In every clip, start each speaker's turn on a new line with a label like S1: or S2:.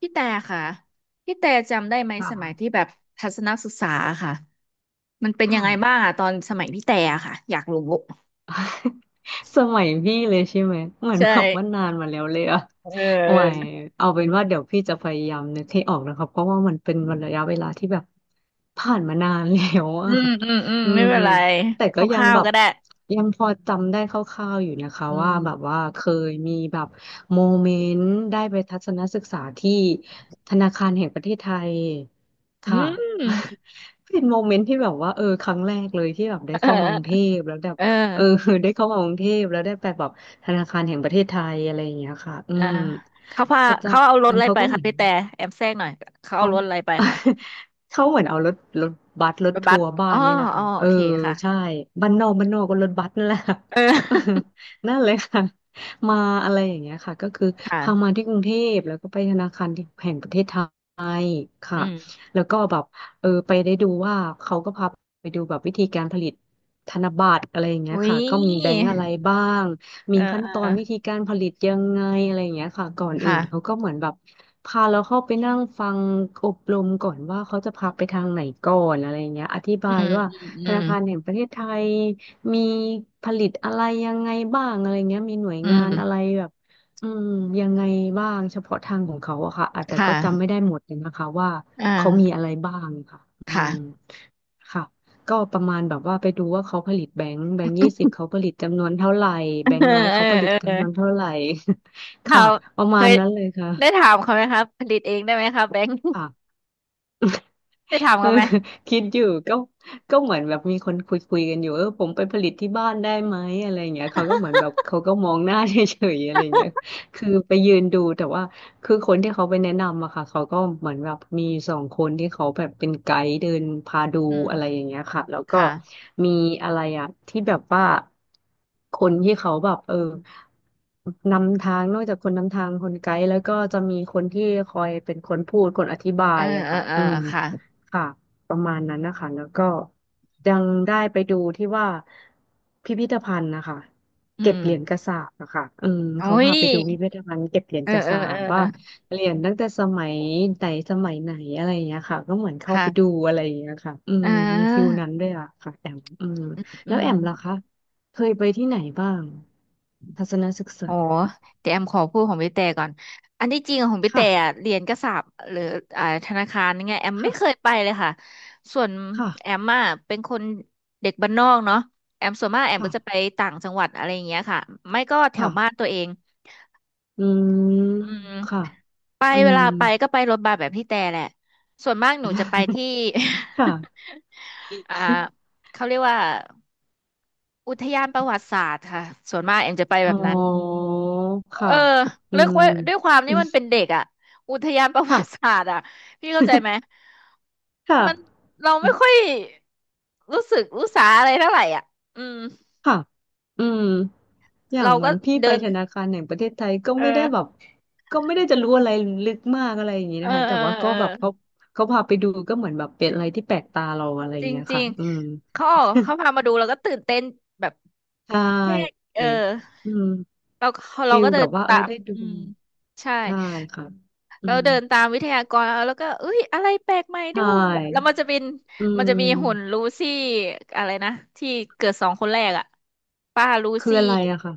S1: พี่แต่ค่ะพี่แต่จำได้ไหมสมัย
S2: ค่ะ
S1: ที่แบบทัศนศึกษาค่ะมันเป็นยัง
S2: ค่ะ
S1: ไงบ้างอะตอนสมัยพี่แต่อะค่ะอยากรู้
S2: สมัยพี่เลยใช่ไหมเหมือน
S1: ใช่
S2: แบบว่านานมาแล้วเลยอะ
S1: เออ
S2: โอ้ยเอาเป็นว่าเดี๋ยวพี่จะพยายามนึกให้ออกนะครับเพราะว่ามันเป็นระยะเวลาที่แบบผ่านมานานแล้ว
S1: อื
S2: อะ
S1: มอืมอืม
S2: อื
S1: ไม่
S2: ม
S1: เป็นไร
S2: แต่
S1: ค
S2: ก็ยัง
S1: ร่าว
S2: แบ
S1: ๆ
S2: บ
S1: ก็ได้
S2: ยังพอจำได้คร่าวๆอยู่นะคะ
S1: อื
S2: ว่า
S1: ม
S2: แบบว่าเคยมีแบบโมเมนต์ได้ไปทัศนศึกษาที่ธนาคารแห่งประเทศไทย
S1: อื
S2: ค่ะ
S1: ม
S2: เป็นโมเมนต์ที่แบบว่าเออครั้งแรกเลยที่แบบได้เข้ามากรุงเท
S1: เออ
S2: พแล้วแบบ
S1: เอ
S2: เออ
S1: อ
S2: ได้เข้ามากรุงเทพแล้วได้ไปแบบธนาคารแห่งประเทศไทยอะไรอย่างเงี้ยค่ะอื
S1: อ่า
S2: ม
S1: เขาพา
S2: อาจา
S1: เขาเอารถ
S2: ร
S1: อะ
S2: ย์
S1: ไร
S2: เขา
S1: ไป
S2: ก็เห
S1: คะ
S2: มือน
S1: พี่แต่แอมแทรกหน่อยเขาเอา
S2: เขา
S1: รถอะไรไปค่ะ
S2: เขาเหมือนเอารถรถบัสรถ
S1: ไปบั
S2: ทั
S1: ส
S2: วร์บ้า
S1: อ๋อ
S2: นนี่แหละ
S1: อ๋อ
S2: ค่ะเอ
S1: โอ
S2: อ
S1: เคค่ะ
S2: ใช่บ้านนอกบ้านนอกก็รถบัสนั่นแหละค่ะ
S1: เอ
S2: เออ
S1: อ
S2: นั่นเลยค่ะมาอะไรอย่างเงี้ยค่ะก็คือ เข้ามา
S1: ค่ะ
S2: ที่กรุงเทพแล้วก็ไปธนาคารแห่งประเทศไท ค่ะ
S1: อืม
S2: แล้วก็แบบเออไปได้ดูว่าเขาก็พาไปดูแบบวิธีการผลิตธนบัตรอะไรอย่างเงี้ย
S1: อุ้ย
S2: ค่ะก็มีแบงก์อะไรบ้าง
S1: เอ
S2: มี
S1: อ
S2: ขั้นตอ
S1: เออ
S2: นวิธีการผลิตยังไงอะไรอย่างเงี้ยค่ะก่อนอื่
S1: ค่ะ
S2: นเขาก็เหมือนแบบพาเราเข้าไปนั่งฟังอบรมก่อนว่าเขาจะพาไปทางไหนก่อนอะไรอย่างเงี้ยอธิ
S1: อื
S2: บาย
S1: ม
S2: ว่า
S1: อืม
S2: ธ
S1: อื
S2: นา
S1: ม
S2: คารแห่งประเทศไทยมีผลิตอะไรยังไงบ้างอะไรเงี้ยมีหน่วย
S1: อื
S2: งานอะไร
S1: ม
S2: แบบ อืมยังไงบ้างเฉพาะทางของเขาอะค่ะอาจแต่ก็
S1: ค่ะ
S2: จำไม่ได้หมดเลยนะคะว่า
S1: อ่า
S2: เขามีอะไรบ้างค่ะอืม
S1: ค่ะ
S2: ค่ะก็ประมาณแบบว่าไปดูว่าเขาผลิตแบงค์แบงค์ 20เขาผลิตจำนวนเท่าไหร่แบง
S1: เออ
S2: ค์ร้อย
S1: เออ
S2: เขาผลิต
S1: เออ
S2: จำนวนเท่าไหร่
S1: ถา
S2: ค่ะ
S1: ม
S2: ประ
S1: เค
S2: มาณ
S1: ย
S2: นั้นเลย
S1: ได้
S2: ค่ะ
S1: ถามเขาไหมครับผลิตเองได้ไหมครับแบงค์
S2: ค่ะ
S1: ได้ถาม
S2: เออ
S1: เขาไหม
S2: คิดอยู่ก็ก็เหมือนแบบมีคนคุยกันอยู่เออผมไปผลิตที่บ้านได้ไหมอะไรเงี้ยเขาก็เหมือ นแบบเขาก็มองหน้าเฉยๆอะไรเงี้ยคือไปยืนดูแต่ว่าคือคนที่เขาไปแนะนำอะค่ะเขาก็เหมือนแบบมี2 คนที่เขาแบบเป็นไกด์เดินพาดู
S1: อืม
S2: อะไรอย่างเงี้ยค่ะแล้วก็
S1: ค่ะ
S2: มีอะไรอะที่แบบว่าคนที่เขาแบบเออนำทางนอกจากคนนำทางคนไกด์แล้วก็จะมีคนที่คอยเป็นคนพูดคนอธิบา
S1: เออ
S2: ยอะ
S1: เออ
S2: ค่ะ
S1: เออ
S2: อืม
S1: ค่ะ
S2: ค่ะประมาณนั้นนะคะแล้วก็ยังได้ไปดูที่ว่าพิพิธภัณฑ์นะคะ
S1: อื
S2: เก็บ
S1: ม
S2: เหรียญกระสาปอะค่ะอืม
S1: โอ้
S2: เขา
S1: ย
S2: พาไปดูพิพิธภัณฑ์เก็บเหรียญ
S1: เออ
S2: กระ
S1: เออ
S2: สา
S1: เออ
S2: ปว่าเหรียญตั้งแต่สมัยไหนสมัยไหนอะไรอย่างเงี้ยค่ะก็เหมือนเข้าไปดู
S1: ค่ะ
S2: อะไรอย่างเงี้ยค่ะอื
S1: เ
S2: มมีฟิล
S1: ออ
S2: นั้นด้วยอะค่ะแอมอืม
S1: อื
S2: แล้วแอมล่ะ
S1: ม
S2: คะเคยไปที่ไหนบ้างทัศนศึก
S1: อ
S2: ษา
S1: อเดี๋ยวแอมขอพูดของพี่แต่ก่อนอันที่จริงอะของพี่แต่
S2: ค่ะ
S1: อะเรียนกษาปณ์หรืออ่าธนาคารนี่ไงแอมไม่เคย
S2: ค่ะ
S1: ไปเลยค่ะส่วน
S2: ค่ะ
S1: แอมอ่ะเป็นคนเด็กบ้านนอกเนาะแอมส่วนมากแอม
S2: ค่ะ
S1: ก็จะไปต่างจังหวัดอะไรอย่างเงี้ยค่ะไม่ก็แถว
S2: ค่ะ
S1: บ้านตัวเอง
S2: อืม
S1: อืม
S2: ค่ะ
S1: ไป
S2: อื
S1: เว
S2: ม
S1: ลาไปก็ไปรถบัสแบบพี่แต่แหละส่วนมากหนูจะไปที่
S2: ค่ะ
S1: อ่า เขาเรียกว่าอุทยานประวัติศาสตร์ค่ะส่วนมากแอมจะไปแบ
S2: อ๋อ
S1: บนั้น เอ
S2: ค่ะ
S1: อ
S2: อื
S1: เรียก
S2: ม
S1: ว่าด้วยความนี่มันเป็น เด็กอ่ะอุทยานประวั
S2: ค่ะ
S1: ติศาสตร์อ่ะพี่เข้าใจไหม
S2: ค่ะ
S1: มันเราไม่ค่อยรู้สึกรู้สาอะไรเท่าไหร่อ่ะอืม
S2: ค่ะอืมอย่าง
S1: เรา
S2: เหมื
S1: ก็
S2: อนพี่ไป
S1: เดิน
S2: ธนาคารแห่งประเทศไทยก็
S1: เอ
S2: ไม่ได้
S1: อ
S2: แบบก็ไม่ได้จะรู้อะไรลึกมากอะไรอย่างนี้
S1: เออ
S2: นะคะ
S1: เอ
S2: แต่
S1: อ
S2: ว่า
S1: เอ
S2: ก็
S1: อ
S2: แบบเขาพาไปดูก็เหมือนแบบเป็นอะไรที่แปลกตาเราอะไรอ
S1: จ
S2: ย่าง
S1: ริง
S2: เงี้ย
S1: จริ
S2: ค่ะ
S1: ง
S2: อืม
S1: เขาออก เขาพามาดูเราก็ตื่นเต้นแบบ
S2: ใช่
S1: แค่เออ
S2: อืม
S1: เราเรา
S2: ฟิล
S1: ก็เดิ
S2: แบบ
S1: น
S2: ว่าเออ
S1: ตาม
S2: ได้ดู
S1: อืมใช่
S2: ใช่ค่ะอื
S1: เรา
S2: ม
S1: เดินตามวิทยากรแล้วก็เอ้ยอะไรแปลกใหม่
S2: ใช
S1: ดูแล้วมั
S2: ่
S1: นจะเป็น
S2: อื
S1: มันจะมีหุ่น
S2: ม
S1: ลูซี่อะไรนะที่เกิดสองคนแรกอ่ะป้าลู
S2: คือ
S1: ซี่
S2: อะไรอะค่ะ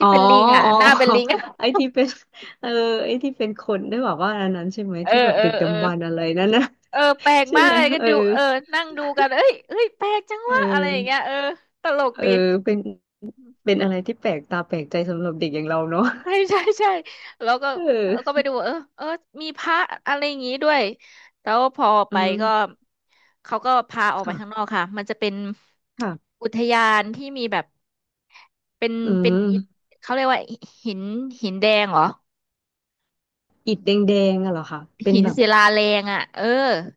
S2: อ๋
S1: ี่
S2: อ
S1: เป็นลิงอ่ะ
S2: อ๋อ
S1: หน้าเป็ น
S2: อ๋อ
S1: ลิงอะ
S2: ไอ้ที่เป็น เออไอ้ที่เป็นคนได้บอกว่าอันนั้นใช่ไหม
S1: เออ
S2: ที่แบบ
S1: เออ
S2: ดึก
S1: เออ
S2: ดำบรรพ์อะไรนั่นนะ
S1: เออแปลก
S2: ใช่
S1: มาก
S2: ไหม
S1: เลยก็
S2: เออ
S1: ดูเออนั่งดูกันเอ้ยเอ้ยแปลกจัง
S2: เอ
S1: วะอะไรอย่างเงี้ย
S2: อ
S1: เออตลก
S2: เออ
S1: ดี
S2: เป็นเป็นอะไรที่แปลกตาแปลกใจสำหรับเด็กอย่างเราเนาะ
S1: ใช่ใช่ใช่แล้วก็
S2: เ
S1: แล้วก็ไป
S2: ออ
S1: ดูเออเออมีพระอะไรอย่างงี้ด้วยแล้วพอไป
S2: อื
S1: ก็
S2: ม
S1: เขาก็พาออกไป
S2: ค่ะ
S1: ข้างนอกค่ะมันจะเป็น
S2: ค่ะ
S1: อุทยานที่มีแบบเป็น
S2: อื
S1: เป็น
S2: ม
S1: อิฐเขาเรียกว่าหินหินแดงเหรอ
S2: อิฐแดงๆอะเหรอคะเป็น
S1: หิน
S2: แบบ
S1: ศิลาแรงอ่ะเออ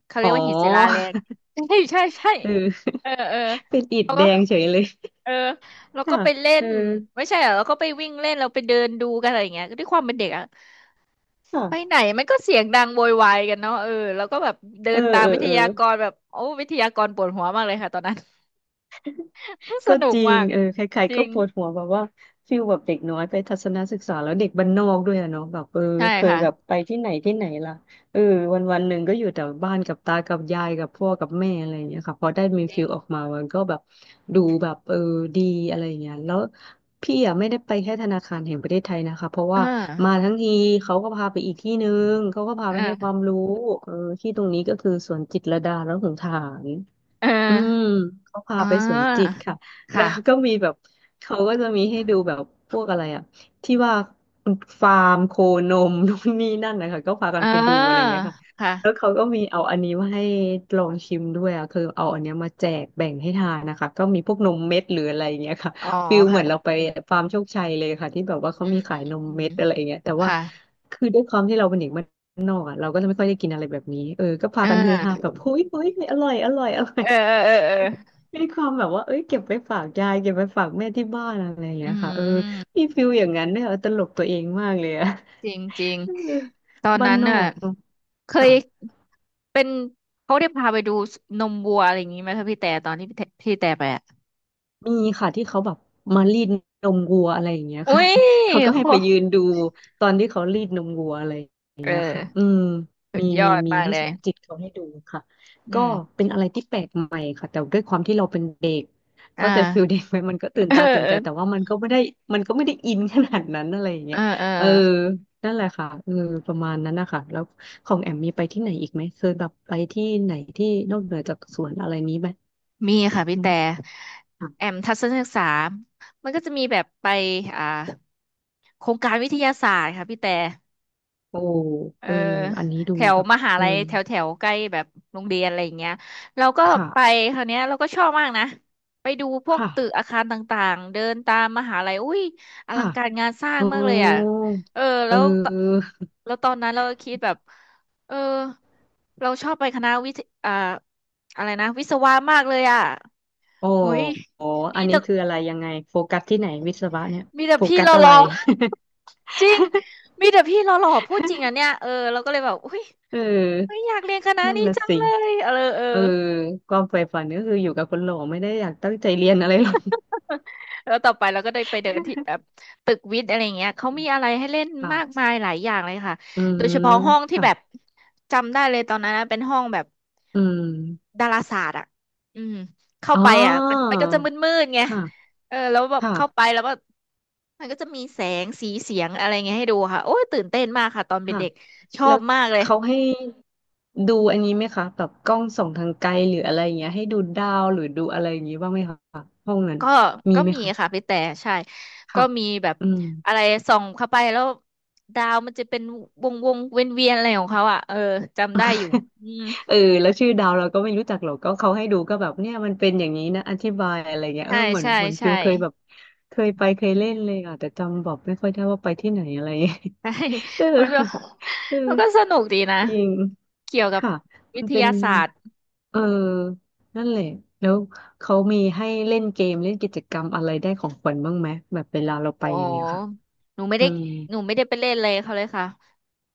S1: เขาเรี
S2: อ๋
S1: ยก
S2: อ
S1: ว่าหินศิลาแรงใช่ใช่ใช่
S2: เออ
S1: เออเออ
S2: เป็นอิฐแดงเฉยเลย
S1: เออแล้วก็
S2: ค่ะ
S1: ไปเล่
S2: เอ
S1: น
S2: อ
S1: ไม่ใช่เหรอแล้วก็ไปวิ่งเล่นเราไปเดินดูกันอะไรอย่างเงี้ยด้วยความเป็นเด็กอ่ะ ไปไหน
S2: ค่ะ
S1: มันก็เสียงดังโวยวายกันเนาะเออแล้วก็แบบเดิ
S2: เออ
S1: นตาม
S2: เออ
S1: วิท
S2: เออ
S1: ยากรแบบโอ้วิทยากรปวดหัวมากเลยค่ะตอนนั้น ส
S2: ก็
S1: นุ
S2: จ
S1: ก
S2: ริง
S1: มาก
S2: เออใคร
S1: จ
S2: ๆก็
S1: ริง
S2: ปวดหัวแบบว่าฟิลแบบเด็กน้อยไปทัศนศึกษาแล้วเด็กบ้านนอกด้วยอะเนาะแบบเออ
S1: ใช่
S2: เคย
S1: ค่ะ
S2: แบบไปที่ไหนที่ไหนล่ะเออวันวันหนึ่งก็อยู่แต่บ้านกับตา กับยายกับพ่อกับแม่อะไรอย่างเงี้ยค่ะพอได้มี
S1: จริ
S2: ฟิ
S1: ง
S2: ลออกมามันก็แบบดูแบบเออดีอะไรอย่างเงี้ยแล้วพี่อะไม่ได้ไปแค่ธนาคารแห่งประเทศไทยนะคะ เพราะ
S1: เออ
S2: ว่ามาทั้งทีเขาก็พาไปอีกที่หนึ่งเขาก็พา
S1: เอ
S2: ไป
S1: อ
S2: ให้ความรู้เออที่ตรงนี้ก็คือสวนจิตรลดาและหงส์ฐาน
S1: เออ
S2: อืมเขาพา
S1: อ่
S2: ไปสวนจิต
S1: า
S2: ค่ะแล้วก็
S1: ค่ะ
S2: มีแบบเขาก็จะมีให้ดูแบบพวกอะไรอะที่ว่าฟาร์มโคนมนู่นนี่นั่นนะคะก็พากั
S1: เอ
S2: นไปดูอะไร
S1: อ
S2: เงี้ยค่ะแล้ว
S1: ค่ะ
S2: เขาก็มีเอาอันนี้มาให้ลองชิมด้วยอะคือเอาอันเนี้ยมาแจกแบ่งให้ทานนะคะก็มีพวกนมเม็ดหรืออะไรเงี้ยค่ะ
S1: อ๋อ
S2: ฟิลเห
S1: ค่ะ
S2: มือนเราไปฟาร์มโชคชัยเลยค่ะที่แบบว่าเขา
S1: อืม
S2: มี
S1: อื
S2: ขายน
S1: ม
S2: ม
S1: อืม
S2: เม็ดอะไรเงี้ยแต่ว่า
S1: ค่ะ
S2: คือด้วยความที่เราเป็นเด็กบ้านนอกอะเราก็จะไม่ค่อยได้กินอะไรแบบนี้เออก็พา
S1: เอ
S2: กันฮือฮาแบ
S1: อ
S2: บเฮ้ยเฮ้ยอร่อยอร่อยอร่อย
S1: เออเออเออเออ
S2: มีความแบบว่าเอ้ยเก็บไปฝากยายเก็บไปฝากแม่ที่บ้านอะไรอย่างเงี้
S1: อื
S2: ยค่ะเออ
S1: ม
S2: มีฟิลอย่างนั้นเนี่ยเออตลกตัวเองมากเลยอะ
S1: จริงจริง
S2: เออ
S1: ตอน
S2: บ้าน
S1: นั้น
S2: นอ
S1: น่ะ
S2: กเนอะ
S1: เค
S2: ค่ะ
S1: ย เป็นเขาได้พาไปดูนมวัวอะไรอย่างนี้ไหมถ้าพี่แต่ตอนที่พี่แต่ไปอ่ะ
S2: มีค่ะที่เขาแบบมารีดนมวัวอะไรอย่างเงี้ย
S1: อุ้
S2: ค่ะ
S1: ย
S2: เขาก็
S1: โค
S2: ให้ไปยืนดูตอนที่เขารีดนมวัวอะไร
S1: เออ
S2: ค่ะอืม
S1: สุ
S2: มี
S1: ดยอ
S2: มี
S1: ด
S2: มี
S1: มาก
S2: ที่
S1: เล
S2: ส
S1: ย
S2: วนจิตเขาให้ดูค่ะ
S1: อื
S2: ก็
S1: ม
S2: เป็นอะไรที่แปลกใหม่ค่ะแต่ด้วยความที่เราเป็นเด็ก
S1: อ่า
S2: เข้าใจฟิลเด็กไหมมันก็ตื่ น
S1: เออ
S2: ตาตื่น
S1: เอ
S2: ใจแต่
S1: อ
S2: ว่ามันก็ไม่ได้อินขนาดนั้นอะไรอย่าง
S1: เอ
S2: เงี้ย
S1: อเออ
S2: เออนั่นแหละค่ะเออประมาณนั้นนะคะแล้วของแอมมีไปที่ไหนอีกไหมเคยแบบไปที่ไหนที่นอกเหนือจากสวนอะไรนี้ไหม
S1: มีค่ะพี่
S2: อื
S1: แต่
S2: มค่ะ
S1: แอมทัศนศึกษามันก็จะมีแบบไปอ่าโครงการวิทยาศาสตร์ค่ะพี่แต่
S2: โอ้
S1: เอ
S2: เอ
S1: อ
S2: ออันนี้ดู
S1: แถว
S2: แบบ
S1: มหา
S2: เออ
S1: ลัยแถวแถวใกล้แบบโรงเรียนอะไรอย่างเงี้ยเราก็ไป
S2: ค่ะ
S1: คราวเนี้ยเราก็ชอบมากนะไปดูพวก
S2: ค่ะ
S1: ตึกอาคารต่างๆเดินตามมหาลัยอุ้ยอลั
S2: ค่ะ
S1: งการงานสร้าง
S2: โอ้
S1: มากเลยอ่ะเออ
S2: เ
S1: แล้วต
S2: ออ
S1: แล้วตอนนั้นเราก็คิดแบบเออเราชอบไปคณะวิทย์อ่าอะไรนะวิศวะมากเลยอ่ะ
S2: โอ้
S1: โอ้ย
S2: โห
S1: มี
S2: อันนี้
S1: แต่
S2: คืออะไรยังไงโฟกัสที่ไหนวิศวะเนี่ย
S1: มีแต่
S2: โฟ
S1: พี่
S2: กัส
S1: เรา
S2: อะ
S1: หร
S2: ไร
S1: อ จริง มีแต่พี่หล่อๆพูดจริงอ่ะเนี่ยเออเราก็เลยแบบอุ้ย
S2: เอ
S1: เฮ้ย
S2: อ
S1: อยากเรียนคณะ
S2: นั่น
S1: นี้
S2: น่ะ
S1: จัง
S2: สิ
S1: เลยเออเออ
S2: เออความใฝ่ฝันก็คืออยู่กับคนหล่อไม่ได้อยากตั้งใจเรียนอะไรหรอก
S1: แล้วต่อไปเราก็ได้ไปเดินที่แบบตึกวิทย์อะไรเงี้ยเขามีอะไรให้เล่น มาก
S2: ค่ะ
S1: มายหลายอย่างเลยค่ะ
S2: อื
S1: โด
S2: ม
S1: ยเฉพาะห้องที่
S2: ค่ะ
S1: แบบจำได้เลยตอนนั้นนะเป็นห้องแบบ
S2: อืม
S1: ดาราศาสตร์อ่ะอืมเข้า
S2: อ๋อ
S1: ไปอ่ะมันก็จะมืดๆไง
S2: ค่ะ
S1: เออแล้วแบบเข้าไป
S2: ค่ะ
S1: แล้วก็มันก็จะมีแสงสีเสียงอะไรเงี้ยให้ดูค่ะโอ้ยตื่นเต้นมากค่ะตอนเป็น
S2: ค่ะ
S1: เด็กชอ
S2: แล้
S1: บ
S2: ว
S1: มากเลย
S2: เขาให้ดูอันนี้ไหมคะแบบกล้องส่องทางไกลหรืออะไรอย่างเงี้ยให้ดูดาวหรือดูอะไรอย่างงี้บ้างไหมคะห้องนั้น
S1: ก็
S2: มี
S1: ก็
S2: ไหม
S1: มี
S2: คะ
S1: ค่ะพี่แต่ใช่ ก็
S2: ค่ะ
S1: มีแบบ
S2: อืม
S1: อะไรส่องเข้าไปแล้วดาวมันจะเป็นวงวงเวียนเวียนๆอะไรของเขาอ่ะ เออจำได้อยู่ อืม
S2: เออแล้วชื่อดาวเราก็ไม่รู้จักหรอกก็เขาให้ดูก็แบบเนี่ยมันเป็นอย่างนี้นะอธิบายอะไรเงี้ยเออ
S1: ใช่
S2: เหมือน
S1: ใช่
S2: เหมือนฟิว
S1: ใช่
S2: เคยแบบเคยไปเคยเล่นเลยอ่ะแต่จำบอกไม่ค่อยได้ว่าไปที่ไหนอะไรเงี้ย
S1: ใช่
S2: เออ
S1: มันก็
S2: เออ
S1: มันก็สนุกดีนะ
S2: จริง
S1: เกี่ยวกับ
S2: ค่ะ
S1: วิ
S2: มัน
S1: ท
S2: เป็น
S1: ยาศาสตร์
S2: เออนั่นแหละแล้วเขามีให้เล่นเกมเล่นกิจกรรมอะไรได้ของขวัญบ้างไหมแบบเวลาเราไป
S1: อ๋
S2: อย่างเงี้ยค่ะ
S1: อหนูไม่
S2: อื
S1: ได้
S2: ม
S1: หนูไม่ได้ไปเล่นเลยเขาเลยค่ะ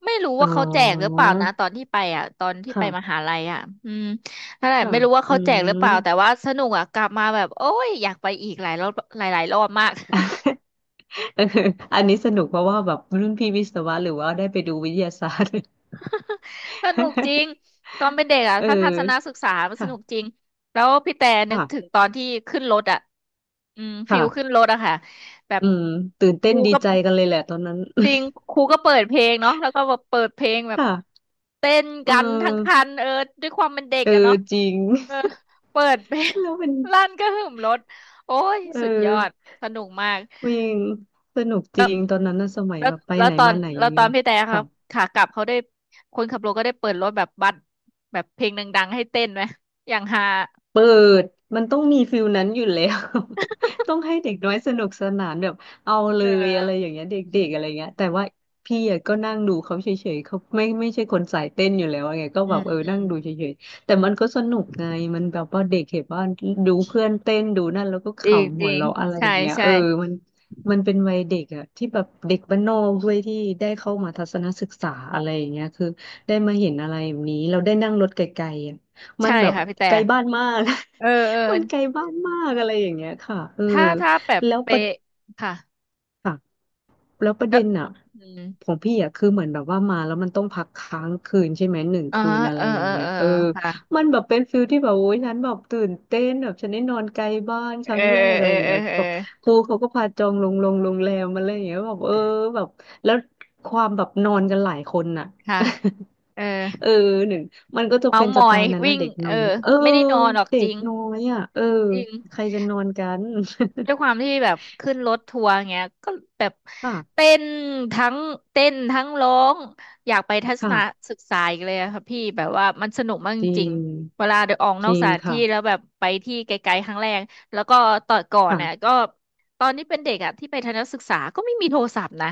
S1: ไม่รู้
S2: อ๋อ
S1: ว่าเขาแจกหรือเปล่านะตอนที่ไปอ่ะตอนที่ไปม
S2: ค่ะ
S1: หาลัยอ่ะอืมนั่นแหละ
S2: ค่ะ
S1: ไม่รู้ว่า
S2: อื
S1: เขาแจกหรือ
S2: ม
S1: เปล่าแต่ว่าสนุกอ่ะกลับมาแบบโอ้ยอยากไปอีกหลายรอบหลายๆรอบมาก
S2: เอออันนี้สนุกเพราะว่าแบบรุ่นพี่วิศวะหรือว่าได้ไปดูวิทยาศาสตร์
S1: สนุกจริ ง ตอนเป็นเด็กอ่ะ
S2: เออ
S1: ถ้าทัศนศึกษามันสนุก
S2: ค่ะ
S1: จริงแล้วพี่แต่นึกถึ
S2: ค่ะ
S1: งตอนที่ขึ้นรถอ่ะอืมฟิลขึ้น
S2: ค่ะ
S1: รถอะค่ะ แบบ
S2: อืมตื่น
S1: ค
S2: เต้น
S1: รู
S2: ดี
S1: ก็
S2: ใจกันเลยแหละตอนนั้น
S1: จริงครูก็เปิดเพลงเนาะแล้วก็แบบเปิดเพลงแบ บ
S2: ค่ะ
S1: เต้น
S2: เอ
S1: กันทั้ง
S2: อ
S1: คันเออด้วยความเป็นเด็ก
S2: เอ
S1: อะ
S2: อ
S1: เนาะ
S2: จริง
S1: เออเปิดเพลง
S2: แล้วเป็น
S1: ลั่นก็หึมรถโอ้ย
S2: เออ
S1: สุดยอดสนุกมาก
S2: วิ่งสนุกจริงตอนนั้นนะสมัย
S1: แล้
S2: แบ
S1: ว
S2: บไป
S1: แล้ว
S2: ไหน
S1: ตอน
S2: มาไหนอ
S1: แล้ว
S2: ย่าง
S1: ตอ
S2: เงี้
S1: น
S2: ย
S1: พี่แต่ครับ
S2: ค่ะ
S1: ขากลับเขาได้คนขับรถก็ได้เปิดรถแบบบัสแบบเพลงดังๆให้เต้นไหมอย่างฮา
S2: เปิดมันต้องมีฟิลนั้นอยู่แล้ว ต้องให้เด็กน้อยสนุกสนานแบบเอาเล
S1: เอ
S2: ยอะไรอย่างเงี้ยเด
S1: อื
S2: ็กๆอะไร
S1: ม
S2: เงี้ยแต่ว่าพี่อะก็นั่งดูเขาเฉยๆเขาไม่ใช่คนสายเต้นอยู่แล้วไงก็
S1: อื
S2: แบ
S1: ม
S2: บเออ
S1: อื
S2: นั่
S1: ม
S2: งดูเฉยๆแต่มันก็สนุกไงมันแบบว่าเด็กเห็นว่าดูเพื่อนเต้นดูนั่นแล้วก็ข
S1: จริง
S2: ำ
S1: จ
S2: หัว
S1: ริง
S2: เราะอะไรอ
S1: ใช่
S2: ย่างเงี้ย
S1: ใช่
S2: เออมันมันเป็นวัยเด็กอะที่แบบเด็กบ้านนอกด้วยที่ได้เข้ามาทัศนศึกษาอะไรอย่างเงี้ยคือได้มาเห็นอะไรแบบนี้เราได้นั่งรถไกลๆอะ มัน
S1: ใช่
S2: แบบ
S1: ค่ะพี่แต่
S2: ไกลบ้านมาก
S1: เออเออ
S2: มันไกลบ้านมากอะไรอย่างเงี้ยค่ะเออ
S1: ถ้าแบบ
S2: แล้วป
S1: เปะ
S2: ระ
S1: ค่ะ
S2: ค่ะแล้วประ
S1: แล้
S2: เด็
S1: ว
S2: นอ่ะ
S1: อืม
S2: ของพี่อ่ะคือเหมือนแบบว่ามาแล้วมันต้องพักค้างคืนใช่ไหมหนึ่ง
S1: อ๋อ
S2: คืนอะ
S1: เอ
S2: ไร
S1: อ
S2: อ
S1: เอ
S2: ย่า
S1: อ
S2: งเงี้ย
S1: เออ
S2: เออ
S1: ค่ะ
S2: มันแบบเป็นฟิลที่แบบโอ้ยฉันแบบตื่นเต้นแบบฉันได้นอนไกลบ้านค
S1: เอ
S2: รั้
S1: อ
S2: งแรกอะ
S1: เออ
S2: ไรอย่าง
S1: เออ
S2: เงี้ย
S1: เออ
S2: แบบครูเขาก็พาจองโรงแรมมาอะไรอย่างเงี้ยแบบเออแบบแล้วความแบบนอนกันหลายคนน่ะ
S1: ค่ะ เออ
S2: เออหนึ่งมันก็จะ
S1: เมา
S2: เป็น
S1: ส์ม
S2: สไต
S1: อย
S2: ล์นั้นนะ
S1: วิ่ง
S2: เด็กน้
S1: เอ
S2: อย
S1: อ
S2: เออ
S1: ไม่ได้นอนหรอก
S2: เด็
S1: จ
S2: ก
S1: ริง
S2: น้อยอ่ะเออ
S1: จริง
S2: ใครจะนอนกัน
S1: ด้วยความที่แบบขึ้นรถทัวร์เงี้ยก็แบบ
S2: ค่ะ
S1: เต้นทั้งเต้นทั้งร้อง อยากไปทัศน
S2: ค่ะ
S1: ศึกษาอีกเลยอะค่ะพี่ แบบว่ามันสนุกมากจ
S2: จริ
S1: ริง
S2: ง
S1: ๆเวลาเดินออกน
S2: จ
S1: อก
S2: ริ
S1: ส
S2: ง
S1: ถานที่
S2: ค่ะ
S1: แล้วแบบไปที่ไกลๆครั้งแรกแล้วก็ตอนก่อนน่ะก็
S2: ค่ะ
S1: ตอนนี้เป็นเด็กอะที่ไปทัศนศึกษาก็ไม่มีโทรศัพท์นะ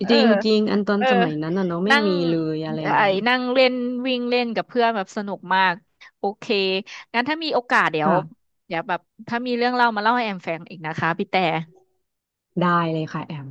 S1: เออ
S2: จริงจริงอันตอน
S1: เออ
S2: สมัยนั้นอ่ะเนาะไม่
S1: นั่ง
S2: มีเลยอะไรอ
S1: ไอ้
S2: ย่างเงี้ย
S1: นั่งเล่นวิ่งเล่นกับเพื่อนแบบสนุกมาก โอเคงั้นถ้ามีโอกาสเดี๋ยว
S2: ค่ะ
S1: เดี๋ยวแบบถ้ามีเรื่องเล่ามาเล่าให้แอมฟังอีกนะคะพี่แต่
S2: ได้เลยค่ะแอม